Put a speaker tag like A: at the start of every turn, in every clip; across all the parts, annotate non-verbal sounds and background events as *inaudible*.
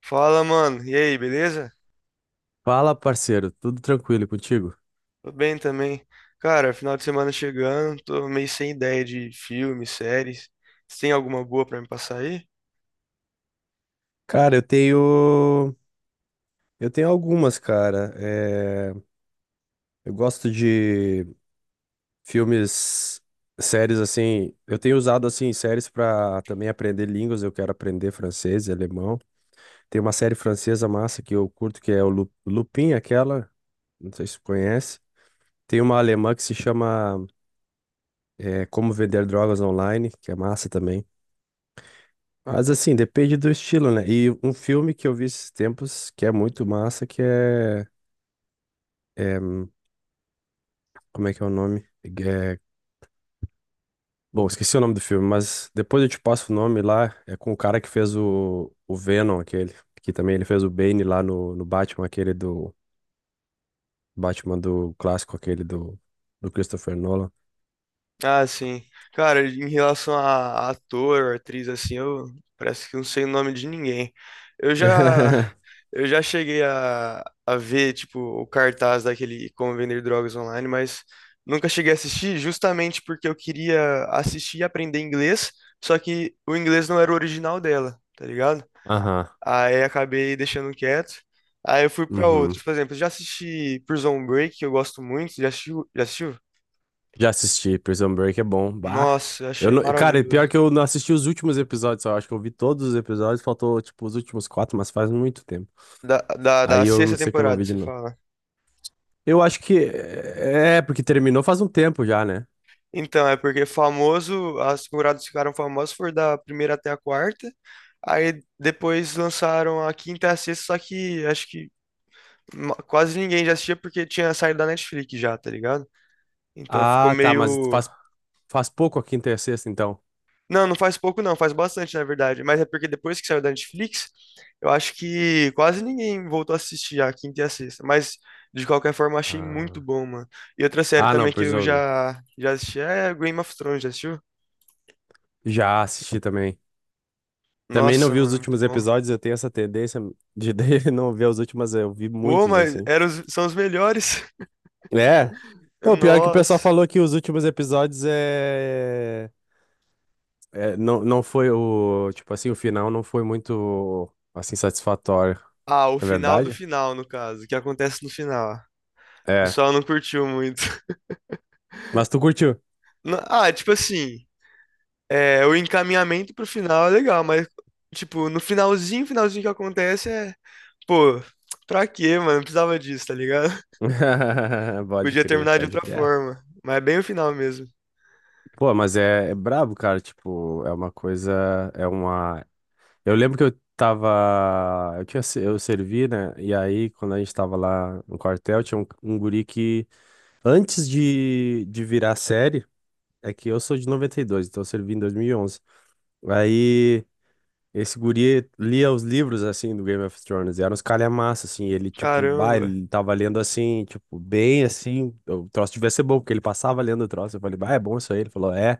A: Fala, mano. E aí, beleza?
B: Fala, parceiro, tudo tranquilo contigo?
A: Tô bem também. Cara, final de semana chegando, tô meio sem ideia de filmes, séries. Você tem alguma boa pra me passar aí?
B: Cara, eu tenho. Eu tenho algumas, cara. Eu gosto de filmes, séries assim. Eu tenho usado assim séries pra também aprender línguas. Eu quero aprender francês e alemão. Tem uma série francesa massa que eu curto, que é o Lupin, aquela. Não sei se tu conhece. Tem uma alemã que se chama Como Vender Drogas Online, que é massa também. Mas assim, depende do estilo, né? E um filme que eu vi esses tempos que é muito massa, é, hum, como é que é o nome? Bom, esqueci o nome do filme, mas depois eu te passo o nome lá. É com o cara que fez o Venom, aquele. Que também ele fez o Bane lá no Batman, aquele do. Batman do clássico, aquele do Christopher Nolan.
A: Ah, sim. Cara, em relação a ator, atriz, assim, eu parece que não sei o nome de ninguém. Eu já,
B: *laughs*
A: eu já cheguei a ver, tipo, o cartaz daquele Como Vender Drogas Online, mas nunca cheguei a assistir justamente porque eu queria assistir e aprender inglês, só que o inglês não era o original dela, tá ligado?
B: Aham.
A: Aí acabei deixando quieto. Aí eu fui pra
B: Uhum.
A: outros. Por exemplo, eu já assisti Prison Break, que eu gosto muito. Já assistiu? Já assistiu?
B: Já assisti, Prison Break é bom. Bah.
A: Nossa, eu
B: Eu
A: achei
B: não... Cara, e pior
A: maravilhoso.
B: que eu não assisti os últimos episódios, só. Eu acho que eu vi todos os episódios, faltou tipo os últimos quatro, mas faz muito tempo.
A: Da
B: Aí eu não
A: sexta
B: sei que eu não
A: temporada,
B: vi de
A: você
B: novo.
A: fala.
B: Eu acho porque terminou faz um tempo já, né?
A: Então, é porque famoso, as temporadas ficaram famosas foram da primeira até a quarta. Aí depois lançaram a quinta e a sexta, só que acho que quase ninguém já assistia porque tinha saído da Netflix já, tá ligado? Então ficou
B: Ah, tá,
A: meio.
B: faz pouco a quinta e a sexta, então.
A: Não, não faz pouco não, faz bastante, na verdade. Mas é porque depois que saiu da Netflix, eu acho que quase ninguém voltou a assistir a quinta e a sexta. Mas, de qualquer forma, achei muito
B: Ah,
A: bom, mano. E outra série
B: ah, não,
A: também que eu
B: Prison Break.
A: já, já assisti é Game of Thrones, já assistiu?
B: Já assisti também. Também não
A: Nossa,
B: vi os
A: mano, muito
B: últimos
A: bom.
B: episódios, eu tenho essa tendência de *laughs* não ver os últimos, eu vi
A: Pô,
B: muitos
A: mas
B: assim.
A: são os melhores.
B: É.
A: *laughs*
B: O pior é que o pessoal
A: Nossa.
B: falou que os últimos episódios não, não foi o. Tipo assim, o final não foi muito assim satisfatório.
A: Ah, o
B: É
A: final do
B: verdade?
A: final, no caso, o que acontece no final. O
B: É.
A: pessoal não curtiu muito. *laughs*
B: Mas tu curtiu.
A: Ah, tipo assim. É, o encaminhamento pro final é legal, mas, tipo, no finalzinho, finalzinho que acontece é, pô, pra quê, mano? Não precisava disso, tá ligado? *laughs*
B: *laughs* Pode
A: Podia
B: crer,
A: terminar de
B: pode
A: outra
B: crer. É.
A: forma, mas é bem o final mesmo.
B: Pô, mas é brabo, cara. Tipo, é uma coisa. É uma. Eu lembro que eu tava. Eu tinha, se- Eu servi, né? E aí, quando a gente tava lá no quartel, tinha um guri que, antes de virar série. É que eu sou de 92, então eu servi em 2011. Aí esse guri lia os livros, assim, do Game of Thrones. E eram uns calhamaços, assim. Ele, tipo, bah,
A: Caramba.
B: ele tava lendo, assim, tipo, bem, assim. O troço devia ser bom, porque ele passava lendo o troço. Eu falei, bah, é bom isso aí. Ele falou, é.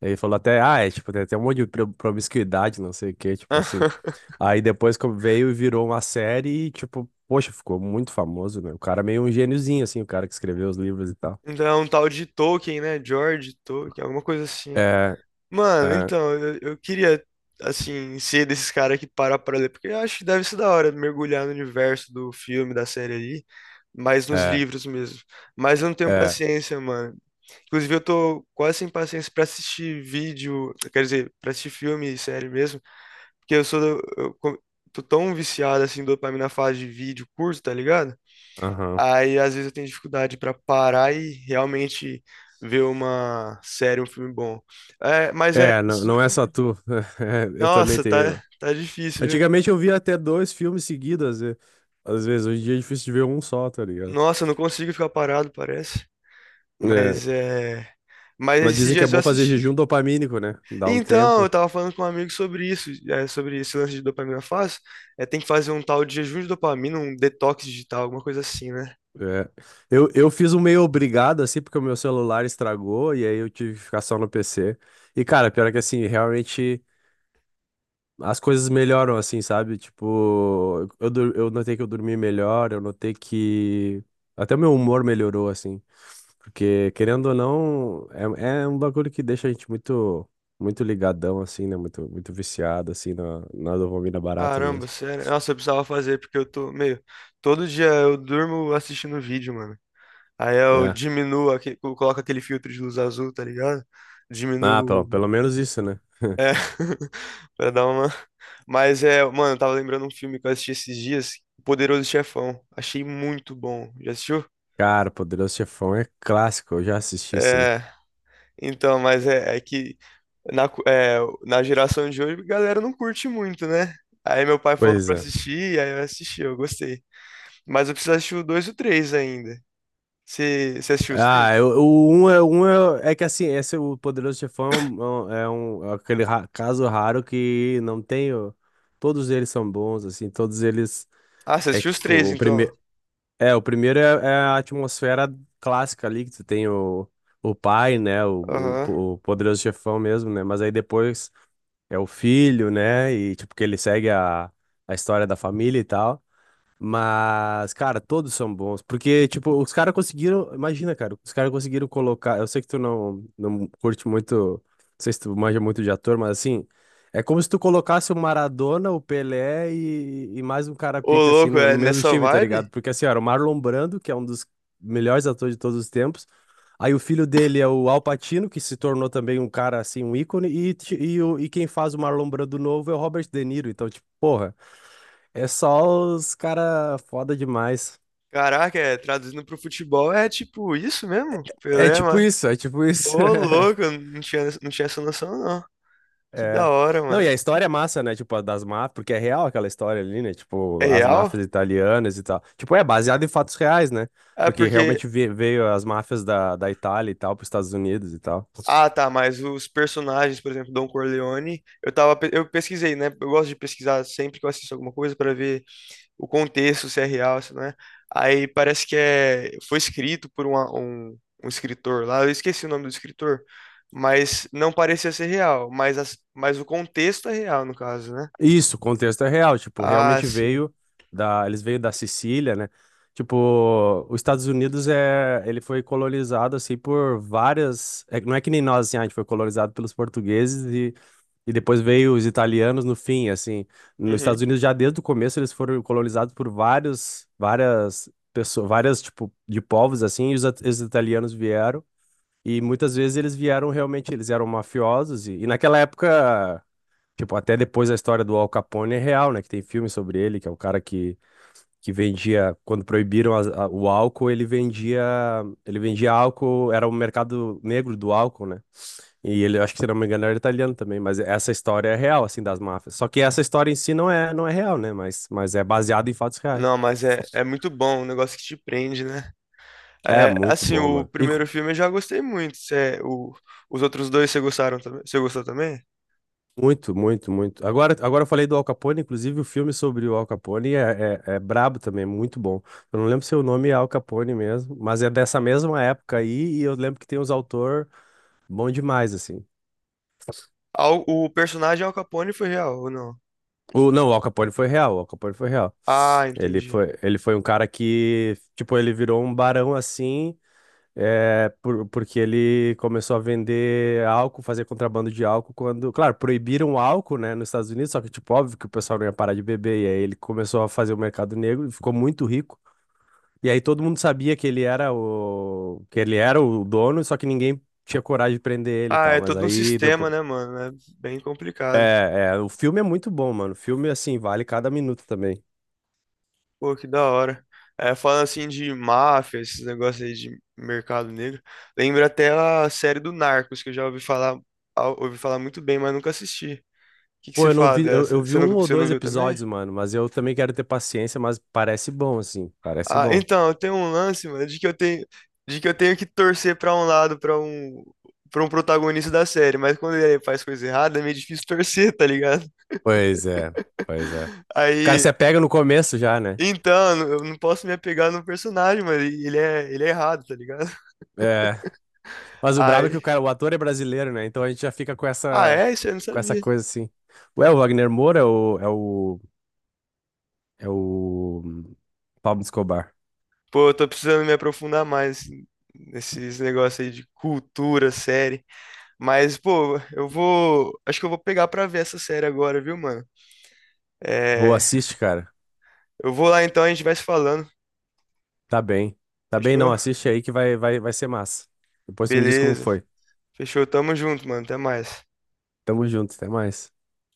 B: Aí ele falou até, ah, é, tipo, tem até um monte de promiscuidade, não sei o quê, tipo assim.
A: *laughs*
B: Aí depois que veio e virou uma série e, tipo, poxa, ficou muito famoso, né? O cara é meio um gêniozinho, assim, o cara que escreveu os livros e tal.
A: Então é um tal de Tolkien, né? George Tolkien, alguma coisa assim.
B: É,
A: Mano,
B: é,
A: então, eu queria, assim, ser desses caras que para pra ler, porque eu acho que deve ser da hora mergulhar no universo do filme, da série ali, mas nos
B: é,
A: livros mesmo. Mas eu não tenho
B: é.
A: paciência, mano. Inclusive, eu tô quase sem paciência pra assistir vídeo, quer dizer, pra assistir filme e série mesmo, porque eu sou, do- eu co- tô tão viciado assim, em dopamina fase de vídeo curto, tá ligado?
B: Aham.
A: Aí, às vezes, eu tenho dificuldade pra parar e realmente ver uma série, um filme bom. É, mas é, esses
B: Não, não é só
A: últimos.
B: tu. *laughs* É, eu também
A: Nossa, tá,
B: tenho.
A: tá difícil, viu?
B: Antigamente eu via até dois filmes seguidos, às vezes. Hoje em dia é difícil de ver um só, tá ligado?
A: Nossa, eu não consigo ficar parado, parece.
B: É.
A: Mas é. Mas
B: Mas
A: esses
B: dizem que é
A: dias eu
B: bom fazer jejum
A: assisti.
B: dopamínico, né? Dá um
A: Então, eu
B: tempo.
A: tava falando com um amigo sobre isso, sobre esse lance de dopamina fácil. É, tem que fazer um tal de jejum de dopamina, um detox digital, alguma coisa assim, né?
B: É. Eu fiz um meio obrigado, assim, porque o meu celular estragou e aí eu tive que ficar só no PC. E, cara, pior é que, assim, realmente as coisas melhoram, assim, sabe? Eu notei que eu dormi melhor, eu notei que até o meu humor melhorou, assim. Porque, querendo ou não, é um bagulho que deixa a gente muito, muito ligadão, assim, né? Muito, muito viciado, assim, na dopamina barata
A: Caramba,
B: mesmo.
A: sério. Nossa, eu precisava fazer, porque eu tô meio. Todo dia eu durmo assistindo vídeo, mano. Aí eu
B: É.
A: diminuo, eu coloco aquele filtro de luz azul, tá ligado?
B: Ah,
A: Diminuo.
B: pelo menos isso, né? *laughs*
A: É, *laughs* pra dar uma. Mas é, mano, eu tava lembrando um filme que eu assisti esses dias, O Poderoso Chefão. Achei muito bom. Já assistiu?
B: Cara, Poderoso Chefão é clássico, eu já assisti, sim.
A: É, então, mas é que na, cu- é, na geração de hoje, a galera não curte muito, né? Aí meu pai falou
B: Pois
A: pra
B: é.
A: assistir, aí eu assisti, eu gostei. Mas eu preciso assistir o 2 e o três ainda. Você assistiu os
B: Ah,
A: três?
B: eu- o um é, é que assim, esse o Poderoso Chefão é aquele caso raro que não tem. Todos eles são bons, assim, todos eles.
A: Ah, você
B: É
A: assistiu
B: que,
A: os três,
B: tipo,
A: então.
B: O primeiro é a atmosfera clássica ali, que tu tem o pai, né? O,
A: Aham.
B: o, o poderoso chefão mesmo, né? Mas aí depois é o filho, né? E tipo, que ele segue a história da família e tal. Mas, cara, todos são bons. Porque, tipo, os caras conseguiram. Imagina, cara, os caras conseguiram colocar. Eu sei que tu não curte muito. Não sei se tu manja muito de ator, mas assim. É como se tu colocasse o Maradona, o Pelé e mais um cara
A: Ô,
B: pica, assim,
A: louco,
B: no,
A: é
B: no mesmo
A: nessa
B: time, tá ligado?
A: vibe?
B: Porque, assim, era o Marlon Brando, que é um dos melhores atores de todos os tempos. Aí o filho dele é o Al Pacino, que se tornou também um cara, assim, um ícone. E quem faz o Marlon Brando novo é o Robert De Niro. Então, tipo, porra. É só os cara foda demais.
A: Caraca, é, traduzindo pro futebol é tipo isso mesmo?
B: É
A: Pelé,
B: tipo
A: mano.
B: isso, é tipo isso.
A: Ô, louco,
B: *laughs*
A: eu não tinha essa noção, não. Que da
B: É.
A: hora, mano.
B: Não, e a história é massa, né? Tipo, a das máfias, porque é real aquela história ali, né?
A: É
B: Tipo, as
A: real?
B: máfias italianas e tal. Tipo, é baseado em fatos reais, né?
A: Ah,
B: Porque
A: porque.
B: realmente veio as máfias da Itália e tal para os Estados Unidos e tal.
A: Ah, tá, mas os personagens, por exemplo, Don Corleone, eu pesquisei, né? Eu gosto de pesquisar sempre que eu assisto alguma coisa para ver o contexto, se é real, se não é. Aí parece que é, foi escrito por um escritor lá, eu esqueci o nome do escritor, mas não parecia ser real, mas o contexto é real, no caso, né?
B: Isso, o contexto é real, tipo,
A: Ah,
B: realmente
A: sim.
B: veio da, eles veio da Sicília, né? Tipo, os Estados Unidos é, ele foi colonizado assim por várias, é que não é que nem nós assim, ah, a gente foi colonizado pelos portugueses e depois veio os italianos no fim, assim. Nos Estados
A: Uhum.
B: Unidos já desde o começo eles foram colonizados por vários, várias pessoas, várias tipo de povos assim, e os italianos vieram e muitas vezes eles vieram realmente, eles eram mafiosos e naquela época. Tipo, até depois a história do Al Capone é real, né? Que tem filme sobre ele, que é um cara que vendia, quando proibiram o álcool, ele vendia álcool, era o mercado negro do álcool, né? E ele, acho que se não me engano, era italiano também, mas essa história é real, assim, das máfias. Só que essa história em si não é real, né? Mas é baseada em fatos reais.
A: Não, mas é muito bom, um negócio que te prende, né?
B: É
A: É,
B: muito
A: assim,
B: bom,
A: o
B: mano.
A: primeiro filme eu já gostei muito. Os outros dois você gostaram também? Você gostou também?
B: Muito, muito, muito. Agora, agora eu falei do Al Capone, inclusive o filme sobre o Al Capone é brabo também, é muito bom. Eu não lembro se o nome é Al Capone mesmo, mas é dessa mesma época aí, e eu lembro que tem uns autor bom demais, assim.
A: O personagem Al Capone foi real ou não?
B: Não, o Al Capone foi real, o Al Capone foi real.
A: Ah, entendi.
B: Ele foi um cara que, tipo, ele virou um barão assim. Porque ele começou a vender álcool, fazer contrabando de álcool quando, claro, proibiram o álcool, né, nos Estados Unidos, só que tipo, óbvio que o pessoal não ia parar de beber, e aí ele começou a fazer o mercado negro e ficou muito rico. E aí todo mundo sabia que ele era o dono, só que ninguém tinha coragem de prender ele e
A: Ah, é
B: tal, mas
A: todo um
B: aí
A: sistema,
B: depois
A: né, mano? É bem complicado.
B: o filme é muito bom, mano. O filme assim vale cada minuto também.
A: Pô, que da hora. É, falando assim de máfia, esses negócios aí de mercado negro, lembra até a série do Narcos, que eu já ouvi falar, ah, ouvi falar muito bem, mas nunca assisti. O que que
B: Pô,
A: você
B: eu não
A: fala
B: vi, eu
A: dessa?
B: vi
A: Você não,
B: um ou
A: você não
B: dois
A: viu também?
B: episódios, mano, mas eu também quero ter paciência, mas parece bom assim, parece
A: Ah,
B: bom.
A: então, eu tenho um lance, mano, de que eu tenho que torcer pra um lado, para um protagonista da série, mas quando ele faz coisa errada, é meio difícil *laughs* torcer, tá ligado?
B: Pois é, pois é.
A: *laughs*
B: O cara
A: Aí,
B: se apega no começo já, né?
A: então, eu não posso me apegar no personagem, mano, ele é errado, tá ligado?
B: É. Mas o brabo é que o
A: Aí,
B: cara, o ator é brasileiro, né? Então a gente já fica
A: ah, é? Isso eu não
B: com essa
A: sabia.
B: coisa assim. Ué, o Wagner Moura é o Pablo Escobar.
A: Pô, eu tô precisando me aprofundar mais nesses negócios aí de cultura, série. Mas, pô, acho que eu vou pegar pra ver essa série agora, viu, mano?
B: Boa,
A: É,
B: assiste, cara.
A: eu vou lá então, a gente vai se falando.
B: Tá bem. Tá bem, não,
A: Fechou?
B: assiste aí que vai ser massa. Depois tu me diz como
A: Beleza.
B: foi.
A: Fechou. Tamo junto, mano. Até mais.
B: Tamo junto, até mais.